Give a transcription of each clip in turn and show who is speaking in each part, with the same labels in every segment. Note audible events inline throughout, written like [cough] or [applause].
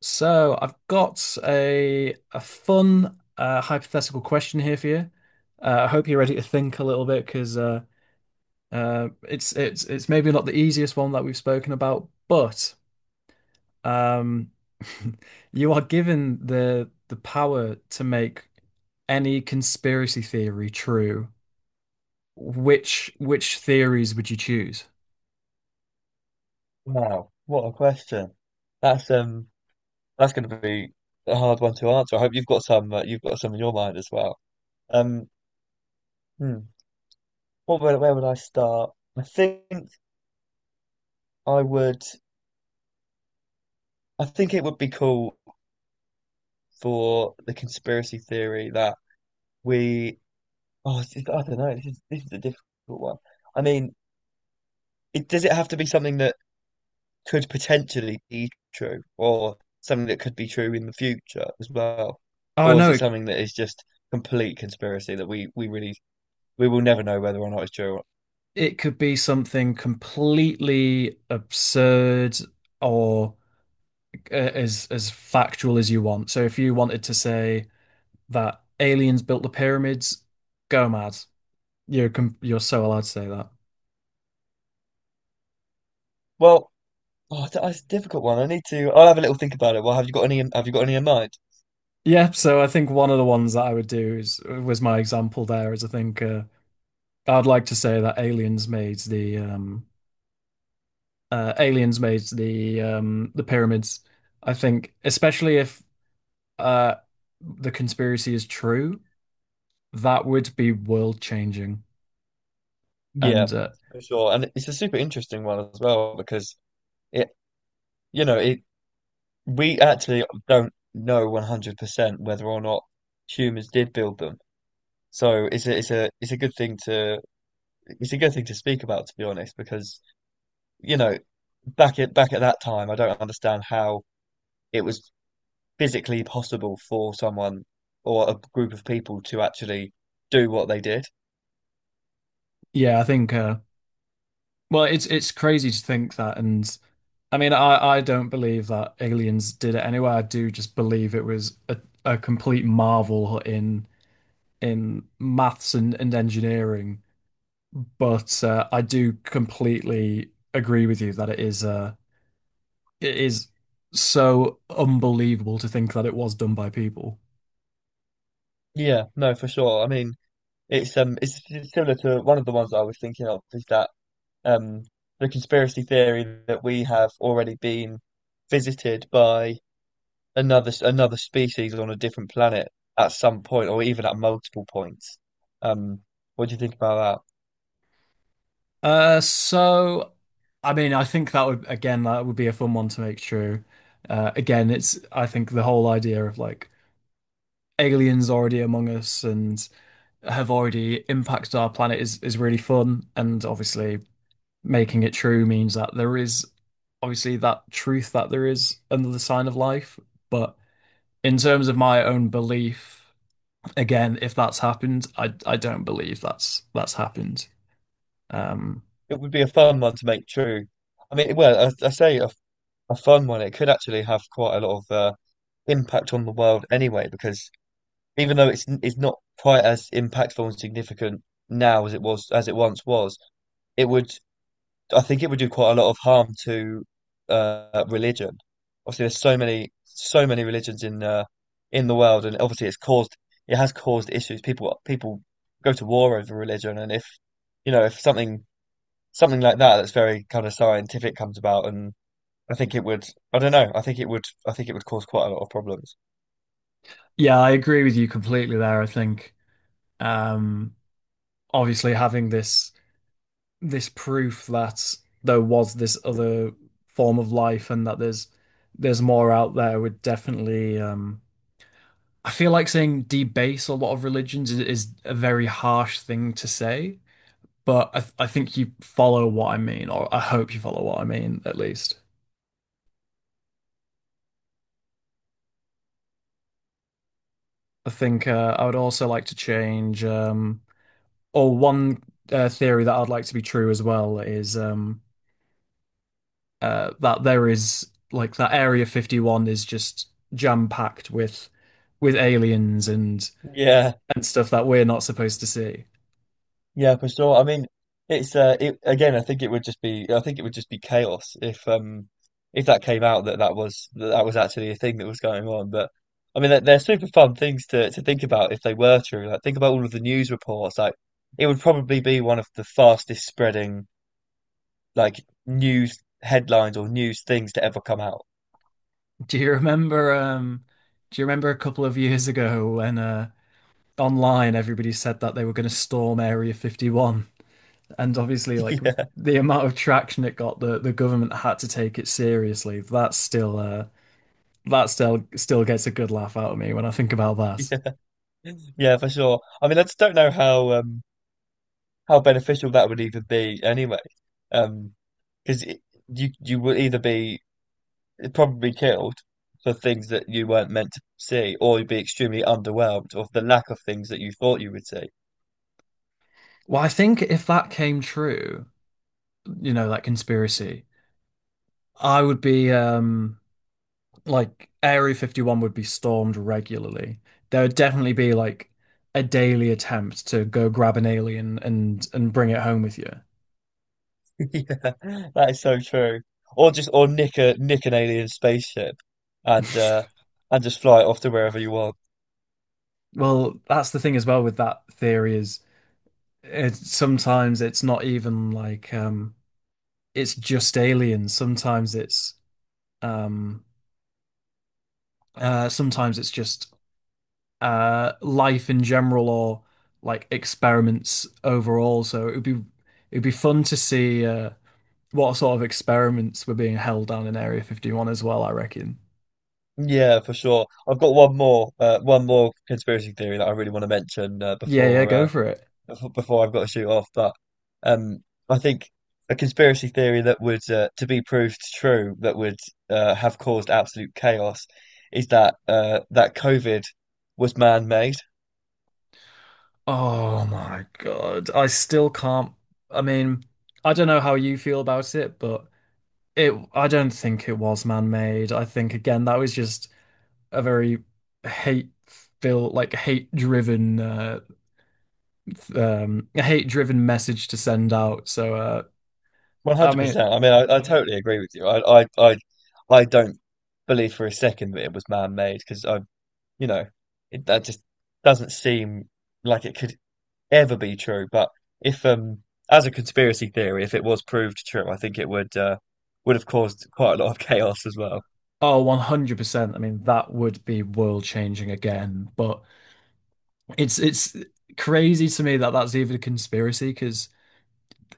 Speaker 1: So I've got a fun hypothetical question here for you. I hope you're ready to think a little bit because it's maybe not the easiest one that we've spoken about, but um, [laughs] you are given the power to make any conspiracy theory true. Which theories would you choose?
Speaker 2: Wow, what a question. That's that's going to be a hard one to answer. I hope you've got some in your mind as well. Um, hmm, where would I start? I think I would I think it would be cool for the conspiracy theory that we I don't know, this is a difficult one. I mean, it does it have to be something that could potentially be true or something that could be true in the future as well?
Speaker 1: Oh
Speaker 2: Or is
Speaker 1: no,
Speaker 2: it something that is just complete conspiracy that we really we will never know whether or not it's true? Or,
Speaker 1: it could be something completely absurd or. as factual as you want. So if you wanted to say that aliens built the pyramids, go mad. You're so allowed to say that.
Speaker 2: well, oh, that's a difficult one. I need to. I'll have a little think about it. Well, have you got any? Have you got any in mind?
Speaker 1: Yeah, so I think one of the ones that I would do is was my example there, is I think I'd like to say that aliens made the aliens made the pyramids. I think especially if uh the conspiracy is true, that would be world changing.
Speaker 2: Yeah,
Speaker 1: And
Speaker 2: for sure. And it's a super interesting one as well because it, you know, it we actually don't know 100% whether or not humans did build them. So it's a good thing to it's a good thing to speak about, to be honest, because you know, back at that time, I don't understand how it was physically possible for someone or a group of people to actually do what they did.
Speaker 1: yeah, I think well, it's crazy to think that, and I mean, I don't believe that aliens did it anyway. I do just believe it was a complete marvel in maths and engineering. But I do completely agree with you that it is so unbelievable to think that it was done by people.
Speaker 2: Yeah, no, for sure. I mean, it's similar to one of the ones I was thinking of is that um, the conspiracy theory that we have already been visited by another species on a different planet at some point, or even at multiple points. Um, what do you think about that?
Speaker 1: So I mean, I think that would, again, that would be a fun one to make true. Again, it's, I think the whole idea of like aliens already among us and have already impacted our planet is really fun. And obviously, making it true means that there is, obviously, that truth that there is another sign of life. But in terms of my own belief, again, if that's happened, I don't believe that's happened. Um,
Speaker 2: It would be a fun one to make true. I mean, well, I say a fun one. It could actually have quite a lot of impact on the world anyway, because even though it's not quite as impactful and significant now as it was as it once was, it would, I think it would do quite a lot of harm to religion. Obviously, there's so many religions in the world, and obviously it's caused it has caused issues. People go to war over religion, and if you know, if something, something like that that's very kind of scientific comes about, and I think it would, I don't know, I think it would, I think it would cause quite a lot of problems.
Speaker 1: yeah, I agree with you completely there, I think. Um, Obviously, having this proof that there was this other form of life and that there's more out there would definitely, I feel like saying debase a lot of religions is a very harsh thing to say, but I think you follow what I mean, or I hope you follow what I mean at least. I think I would also like to change or one theory that I'd like to be true as well is that there is, like, that Area 51 is just jam packed with aliens and
Speaker 2: yeah
Speaker 1: and stuff that we're not supposed to see.
Speaker 2: yeah for sure. I mean, again, I think it would just be, I think it would just be chaos if that came out that that was actually a thing that was going on. But I mean, they're super fun things to think about if they were true. Like, think about all of the news reports. Like it would probably be one of the fastest spreading, like, news headlines or news things to ever come out.
Speaker 1: Do you remember um do you remember a couple of years ago when online everybody said that they were going to storm Area 51, and obviously,
Speaker 2: [laughs]
Speaker 1: like, with
Speaker 2: Yeah.
Speaker 1: the amount of traction it got, the government had to take it seriously. That still gets a good laugh out of me when I think about that.
Speaker 2: Yeah, for sure. I mean, I just don't know how beneficial that would even be anyway. Um, because you would either be probably killed for things that you weren't meant to see, or you'd be extremely underwhelmed of the lack of things that you thought you would see.
Speaker 1: Well, I think if that came true, you know, like, conspiracy. I would be, like, Area 51 would be stormed regularly. There would definitely be, like, a daily attempt to go grab an alien and bring it home with you.
Speaker 2: [laughs] Yeah, that is so true. Or just, or nick a, nick an alien spaceship and uh
Speaker 1: [laughs]
Speaker 2: and just fly it off to wherever you want.
Speaker 1: Well, that's the thing as well with that theory is sometimes it's not even like, it's just aliens. Um Sometimes it's just life in general, or like experiments overall. So it would be, it'd be fun to see what sort of experiments were being held down in Area 51 as well, I reckon.
Speaker 2: Yeah, for sure. I've got one more conspiracy theory that I really want to mention
Speaker 1: Yeah, yeah,
Speaker 2: before
Speaker 1: go for it.
Speaker 2: before I've got to shoot off. But um, I think a conspiracy theory that would to be proved true that would have caused absolute chaos is that that COVID was man-made.
Speaker 1: Oh my God. I still can't, I mean, I don't know how you feel about it, but it, I don't think it was man-made. I think, again, that was just a very hate filled like hate driven message to send out. So I mean,
Speaker 2: 100%. I mean, I yeah, totally agree with you. I don't believe for a second that it was man-made because you know, that just doesn't seem like it could ever be true. But if as a conspiracy theory, if it was proved true, I think it would have caused quite a lot of [laughs] chaos as well.
Speaker 1: oh, 100%. I mean, that would be world changing again. But it's crazy to me that that's even a conspiracy, because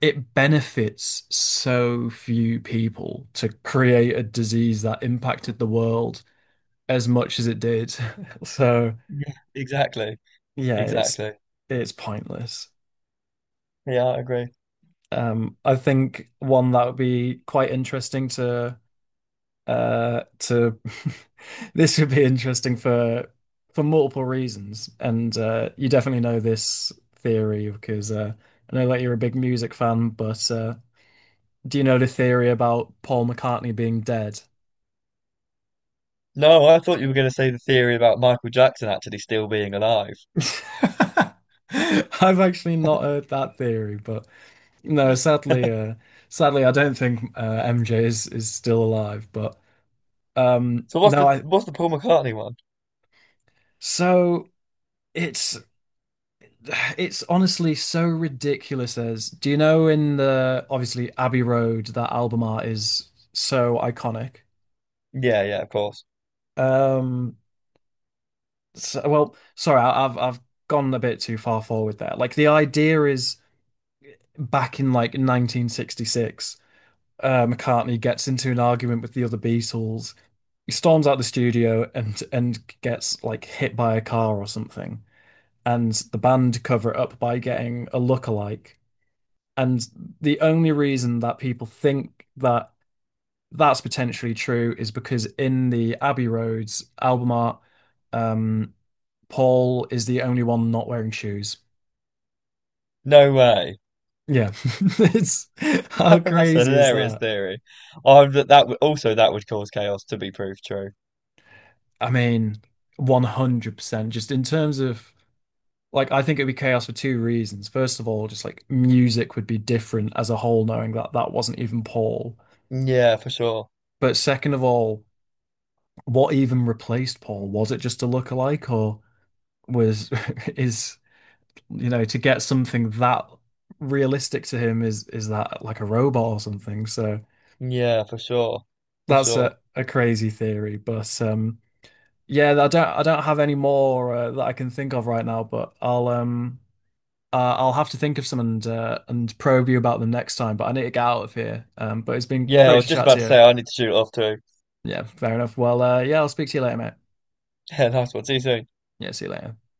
Speaker 1: it benefits so few people to create a disease that impacted the world as much as it did. [laughs] So,
Speaker 2: Yeah, exactly.
Speaker 1: yeah, it's
Speaker 2: Exactly.
Speaker 1: it's pointless.
Speaker 2: Yeah, I agree.
Speaker 1: I think one that would be quite interesting to uh to [laughs] this would be interesting for multiple reasons, and you definitely know this theory because I know that you're a big music fan, but do you know the theory about Paul McCartney being dead?
Speaker 2: No, I thought you were going to say the theory about Michael Jackson actually still being alive.
Speaker 1: [laughs] I've actually not heard that theory, but no, sadly,
Speaker 2: [laughs]
Speaker 1: I don't think MJ is still alive, but
Speaker 2: So
Speaker 1: no, I
Speaker 2: what's the Paul McCartney one?
Speaker 1: so it's It's honestly so ridiculous. As, do you know, in the, obviously, Abbey Road, that album art is so iconic.
Speaker 2: Yeah, yeah, of course.
Speaker 1: Um well, sorry, I've gone a bit too far forward there. Like, the idea is back in like 1966, McCartney gets into an argument with the other Beatles. He storms out the studio and gets, like, hit by a car or something, and the band cover it up by getting a lookalike. And the only reason that people think that that's potentially true is because in the Abbey Roads album art, um, Paul is the only one not wearing shoes.
Speaker 2: No way.
Speaker 1: Yeah. [laughs] It's,
Speaker 2: [laughs]
Speaker 1: how
Speaker 2: That's a
Speaker 1: crazy is
Speaker 2: hilarious
Speaker 1: that?
Speaker 2: theory. I that that would also, that would cause chaos to be proved true.
Speaker 1: I mean, 100%. Just in terms of, like, I think it would be chaos for two reasons. First of all, just like music would be different as a whole, knowing that that wasn't even Paul.
Speaker 2: Yeah, for sure.
Speaker 1: But second of all, what even replaced Paul? Was it just a lookalike, or was [laughs] is you know, to get something that realistic to him is that like a robot or something? So
Speaker 2: Yeah, for sure. For
Speaker 1: that's
Speaker 2: sure.
Speaker 1: a crazy theory, but yeah, I don't have any more that I can think of right now, but I'll have to think of some and probe you about them next time, but I need to get out of here, but it's been
Speaker 2: Yeah, I
Speaker 1: great
Speaker 2: was
Speaker 1: to
Speaker 2: just
Speaker 1: chat to
Speaker 2: about to
Speaker 1: you.
Speaker 2: say I need to shoot off too. [laughs]
Speaker 1: Yeah, fair enough, well, yeah, I'll speak to you later, mate.
Speaker 2: Yeah, nice one. See you soon.
Speaker 1: Yeah, see you later.